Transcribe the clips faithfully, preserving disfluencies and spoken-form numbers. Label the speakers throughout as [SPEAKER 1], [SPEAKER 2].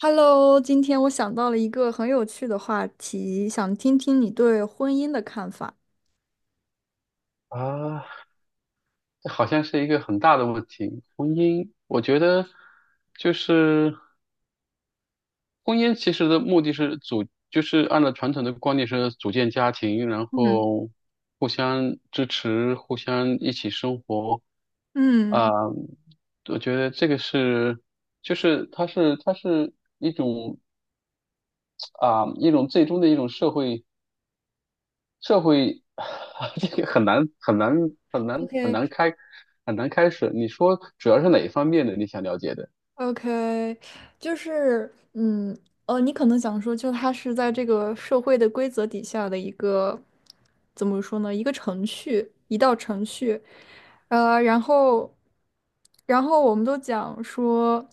[SPEAKER 1] Hello，今天我想到了一个很有趣的话题，想听听你对婚姻的看法。
[SPEAKER 2] 啊，这好像是一个很大的问题。婚姻，我觉得就是婚姻，其实的目的是组，就是按照传统的观念是组建家庭，然
[SPEAKER 1] 嗯
[SPEAKER 2] 后互相支持，互相一起生活。啊、
[SPEAKER 1] 嗯。
[SPEAKER 2] 我觉得这个是，就是它是它是一种啊、一种最终的一种社会。社会 这个很难很难很
[SPEAKER 1] o
[SPEAKER 2] 难很
[SPEAKER 1] k。
[SPEAKER 2] 难开很难开始。你说主要是哪一方面的你想了解的？
[SPEAKER 1] o k。 就是，嗯，呃，你可能想说，就它是在这个社会的规则底下的一个，怎么说呢？一个程序，一道程序，呃，然后，然后我们都讲说。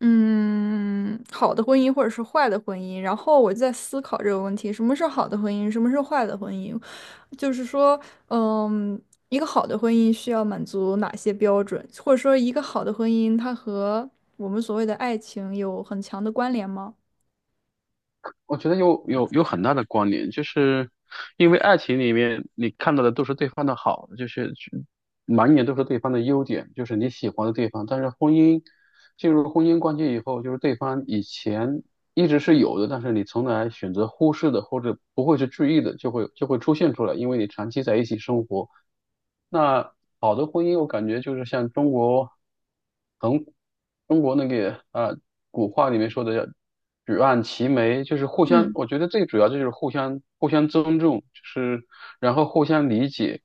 [SPEAKER 1] 嗯，好的婚姻或者是坏的婚姻，然后我就在思考这个问题：什么是好的婚姻，什么是坏的婚姻？就是说，嗯，一个好的婚姻需要满足哪些标准，或者说一个好的婚姻它和我们所谓的爱情有很强的关联吗？
[SPEAKER 2] 我觉得有有有很大的关联，就是因为爱情里面你看到的都是对方的好，就是去满眼都是对方的优点，就是你喜欢的地方。但是婚姻进入婚姻关系以后，就是对方以前一直是有的，但是你从来选择忽视的或者不会去注意的，就会就会出现出来，因为你长期在一起生活。那好的婚姻，我感觉就是像中国很中国那个啊、呃古话里面说的叫举案齐眉，就是互相，
[SPEAKER 1] 嗯
[SPEAKER 2] 我觉得最主要就是互相互相尊重，就是然后互相理解，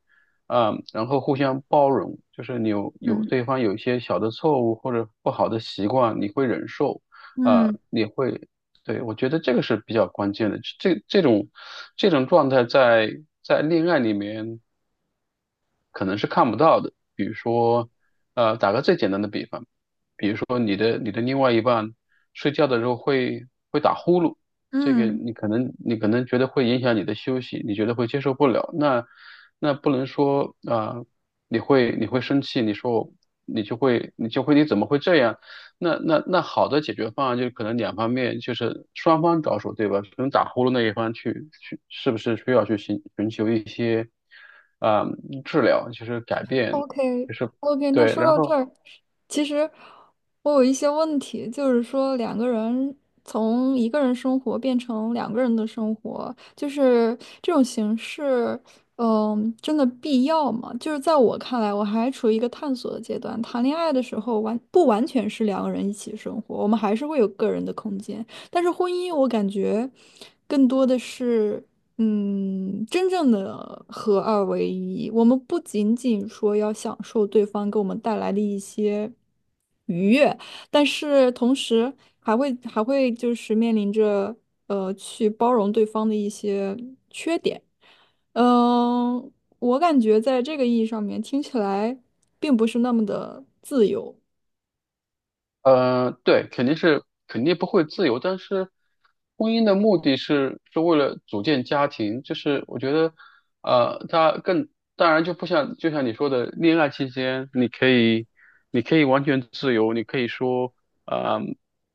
[SPEAKER 2] 啊、然后互相包容，就是你有有
[SPEAKER 1] 嗯
[SPEAKER 2] 对方有一些小的错误或者不好的习惯，你会忍受，啊、
[SPEAKER 1] 嗯
[SPEAKER 2] 你会。对，我觉得这个是比较关键的。这这种这种状态在在恋爱里面可能是看不到的。比如说，呃，打个最简单的比方。比如说你的你的另外一半睡觉的时候会会打呼噜，这个
[SPEAKER 1] 嗯。
[SPEAKER 2] 你可能你可能觉得会影响你的休息，你觉得会接受不了，那那不能说啊、呃你会你会生气，你说你就会你就会你怎么会这样？那那那好的解决方案就是可能两方面就是双方着手，对吧？可能打呼噜那一方去去是不是需要去寻寻求一些啊、呃治疗，就是改变，
[SPEAKER 1] OK。
[SPEAKER 2] 就是
[SPEAKER 1] OK，那
[SPEAKER 2] 对，
[SPEAKER 1] 说
[SPEAKER 2] 然
[SPEAKER 1] 到这
[SPEAKER 2] 后。
[SPEAKER 1] 儿，其实我有一些问题，就是说两个人从一个人生活变成两个人的生活，就是这种形式，嗯，真的必要吗？就是在我看来，我还处于一个探索的阶段。谈恋爱的时候完不完全是两个人一起生活，我们还是会有个人的空间，但是婚姻，我感觉更多的是。嗯，真正的合二为一，我们不仅仅说要享受对方给我们带来的一些愉悦，但是同时还会还会就是面临着呃去包容对方的一些，嗯、我感觉在这个意义上面听起来并不是那么的自由。
[SPEAKER 2] 呃，对，肯定是肯定不会自由，但是婚姻的目的是是为了组建家庭，就是我觉得，呃，它更当然就不像就像你说的，恋爱期间你可以你可以完全自由，你可以说，呃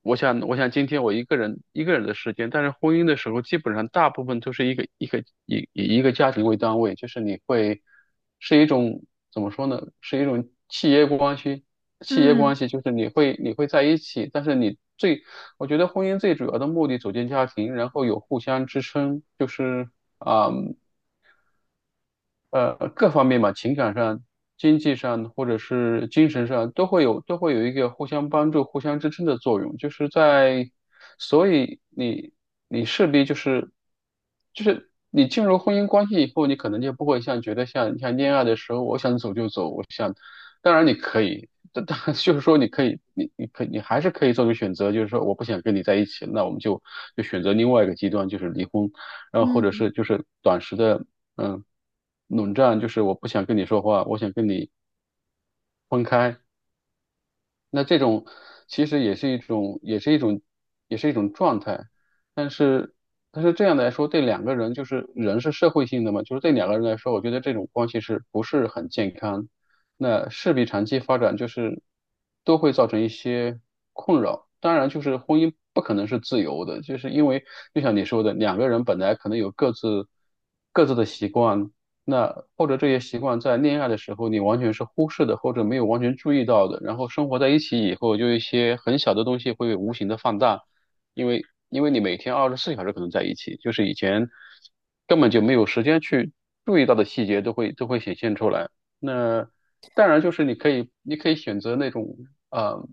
[SPEAKER 2] 我想，我想今天我一个人一个人的时间，但是婚姻的时候，基本上大部分都是一个一个以以一个家庭为单位，就是你会是一种怎么说呢？是一种契约关系，契约
[SPEAKER 1] 嗯
[SPEAKER 2] 关系就是你会你会在一起，但是你最我觉得婚姻最主要的目的组建家庭，然后有互相支撑，就是。啊。呃各方面嘛，情感上、经济上或者是精神上，都会有都会有一个互相帮助、互相支撑的作用。就是在，所以你你势必就是就是你进入婚姻关系以后，你可能就不会像觉得像像恋爱的时候，我想走就走，我想，当然你可以。但但就是说，你可以，你你可你还是可以做出选择，就是说我不想跟你在一起，那我们就就选择另外一个极端，就是离婚。然后或者
[SPEAKER 1] 嗯。
[SPEAKER 2] 是就是短时的嗯，冷战就是我不想跟你说话，我想跟你分开。那这种其实也是一种，也是一种，也是一种状态。但是，但是这样来说，对两个人就是人是社会性的嘛，就是对两个人来说，我觉得这种关系是不是很健康？那势必长期发展就是都会造成一些困扰。当然，就是婚姻不可能是自由的，就是因为就像你说的，两个人本来可能有各自各自的习惯，那或者这些习惯在恋爱的时候你完全是忽视的，或者没有完全注意到的，然后生活在一起以后，就一些很小的东西会无形的放大，因为因为你每天二十四小时可能在一起，就是以前根本就没有时间去注意到的细节都会都会显现出来。那当然就是你可以你可以选择那种。呃。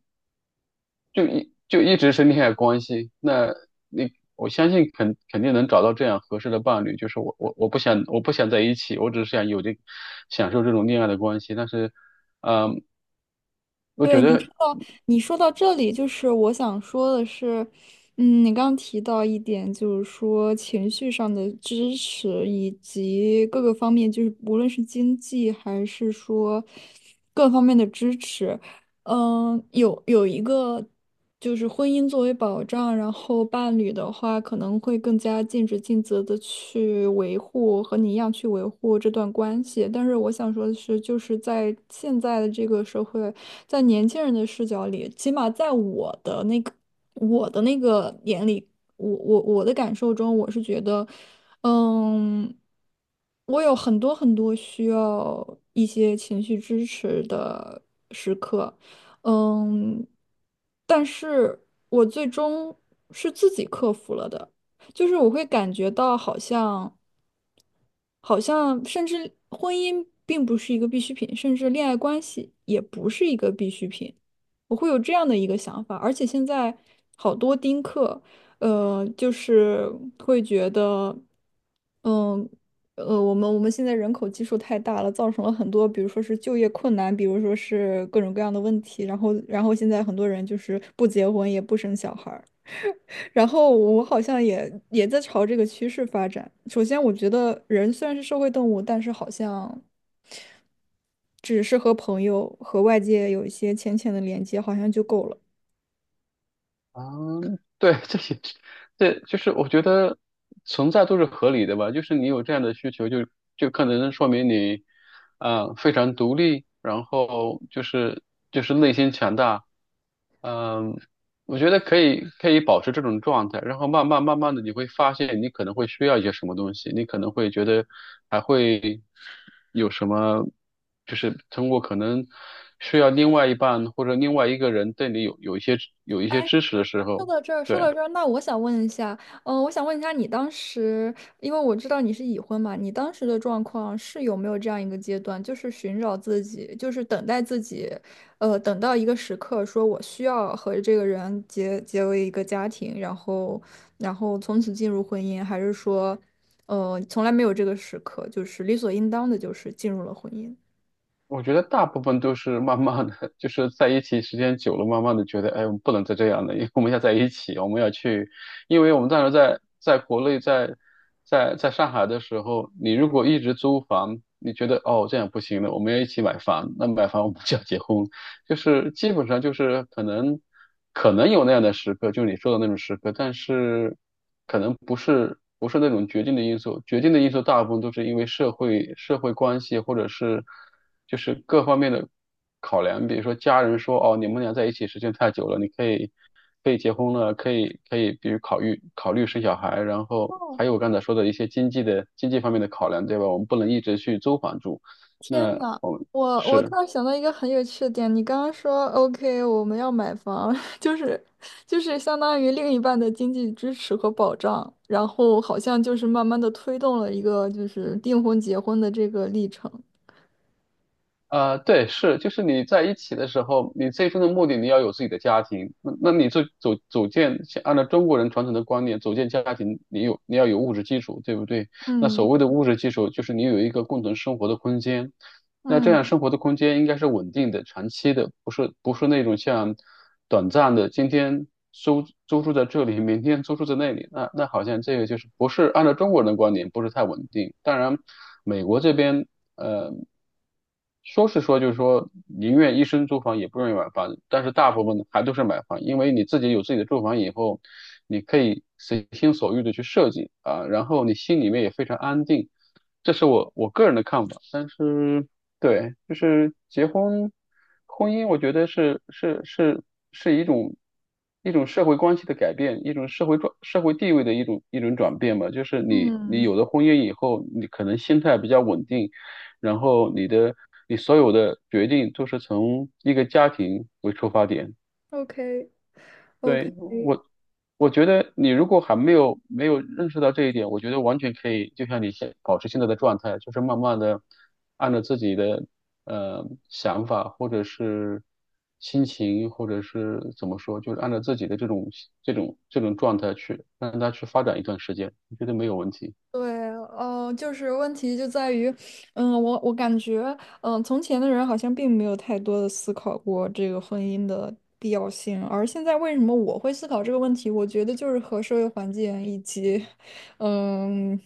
[SPEAKER 2] 就一就一直是恋爱关系，那你我相信肯肯定能找到这样合适的伴侣。就是我我我不想我不想在一起，我只是想有这享受这种恋爱的关系。但是，嗯，我觉
[SPEAKER 1] 对，你
[SPEAKER 2] 得，
[SPEAKER 1] 说到你说到这里，就是我想说的是，嗯，你刚刚提到一点，就是说情绪上的支持，以及各个方面，就是无论是经济还是说各方面的支持，嗯，有有一个就是婚姻作为保障，然后伴侣的话可能会更加尽职尽责的去维护，和你一样去维护这段关系。但是我想说的是，就是在现在的这个社会。在年轻人的视角里，起码在我的那个我的那个眼里，我我我的感受中，我是觉得，嗯，我有很多很多需要一些情绪支持的时刻，嗯，但是我最终是自己克服了的，就是我会感觉到好像。好像甚至婚姻并不是一个必需品，甚至恋爱关系也不是一个必需品。我会有这样的一个想法，而且现在好多丁克，呃，就是会觉得，嗯，呃，我们我们现在人口基数太大了，造成了很多，比如说是就业困难，比如说是各种各样的问题，然后然后现在很多人就是不结婚也不生小孩儿。然后我好像也也在朝这个趋势发展。首先，我觉得人虽然是社会动物，但是好像只是和朋友和外界有一些浅浅的连接，好像就够了。
[SPEAKER 2] 嗯，对，这也是这就是我觉得存在都是合理的吧。就是你有这样的需求就，就可能说明你，啊、非常独立，然后就是就是内心强大。嗯，我觉得可以可以保持这种状态，然后慢慢慢慢的你会发现你可能会需要一些什么东西，你可能会觉得还会有什么，就是通过可能需要另外一半或者另外一个人对你有有一些有一些支持的时
[SPEAKER 1] 说
[SPEAKER 2] 候，
[SPEAKER 1] 到这儿，说到
[SPEAKER 2] 对。
[SPEAKER 1] 这儿，那我想问一下，嗯、我想问一下，你当时，因为我知道你是已婚嘛，你当时的状况是有没有这样一个阶段，就是寻找自己，就是等待自己，呃，等到一个时刻，说我需要和这个人结结为一个家庭，然后，然后从此进入婚姻，还是说，呃，从来没有这个时刻，就是理所应当的，就是进入了婚姻？
[SPEAKER 2] 我觉得大部分都是慢慢的，就是在一起时间久了，慢慢的觉得，哎，我们不能再这样了，因为我们要在一起，我们要去，因为我们当时在在国内，在在在上海的时候，你如果一直租房，你觉得哦这样不行了，我们要一起买房，那买房我们就要结婚就是基本上就是可能可能有那样的时刻，就是你说的那种时刻，但是可能不是不是那种决定的因素，决定的因素大部分都是因为社会社会关系或者是就是各方面的考量，比如说家人说哦你们俩在一起时间太久了，你可以可以结婚了，可以可以比如考虑考虑生小孩，然后还有我刚才说的一些经济的经济方面的考量，对吧？我们不能一直去租房住，
[SPEAKER 1] 天
[SPEAKER 2] 那
[SPEAKER 1] 呐，
[SPEAKER 2] 我们
[SPEAKER 1] 我我
[SPEAKER 2] 是。
[SPEAKER 1] 突然想到一个很有趣的点，你刚刚说 OK，我们要买房，就是就是相当于另一半的经济支持和保障，然后好像就是慢慢的推动了一个就是订婚结婚的这个历程。
[SPEAKER 2] 呃，对，是，就是你在一起的时候，你最终的目的你要有自己的家庭。那那你就组组建，像按照中国人传统的观念，组建家庭，你有你要有物质基础，对不对？那
[SPEAKER 1] 嗯
[SPEAKER 2] 所谓的物质基础，就是你有一个共同生活的空间。那这样
[SPEAKER 1] 嗯
[SPEAKER 2] 生活的空间应该是稳定的、长期的，不是不是那种像短暂的，今天租租住在这里，明天租住在那里。那那好像这个就是不是按照中国人的观点，不是太稳定。当然，美国这边呃说是说就是说宁愿一生租房也不愿意买房，但是大部分还都是买房，因为你自己有自己的住房以后，你可以随心所欲的去设计啊，然后你心里面也非常安定。这是我我个人的看法，但是对，就是结婚，婚姻，我觉得是是是是一种一种社会关系的改变，一种社会转社会地位的一种一种转变吧。就是你你
[SPEAKER 1] 嗯
[SPEAKER 2] 有了婚姻以后，你可能心态比较稳定，然后你的你所有的决定都是从一个家庭为出发点。
[SPEAKER 1] ，OK。OK。
[SPEAKER 2] 对，我，我觉得你如果还没有没有认识到这一点，我觉得完全可以，就像你现保持现在的状态，就是慢慢的按照自己的呃想法或者是心情，或者是怎么说，就是按照自己的这种这种这种状态去让它去发展一段时间，我觉得没有问题。
[SPEAKER 1] 对，呃，就是问题就在于，嗯，我我感觉，嗯，从前的人好像并没有太多的思考过这个婚姻的必要性，而现在为什么我会思考这个问题？我觉得就是和社会环境以及，嗯，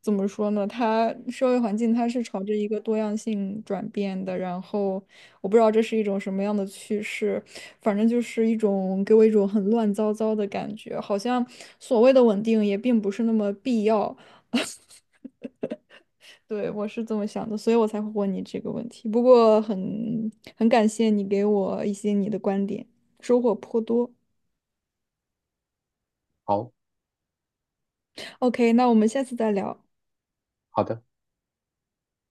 [SPEAKER 1] 怎么说呢？它社会环境它是朝着一个多样性转变的，然后我不知道这是一种什么样的趋势。反正就是一种给我一种很乱糟糟的感觉，好像所谓的稳定也并不是那么必要。对，我是这么想的，所以我才会问你这个问题。不过很很感谢你给我一些你的观点，收获颇多。
[SPEAKER 2] 好，
[SPEAKER 1] OK，那我们下次再聊。
[SPEAKER 2] 好的。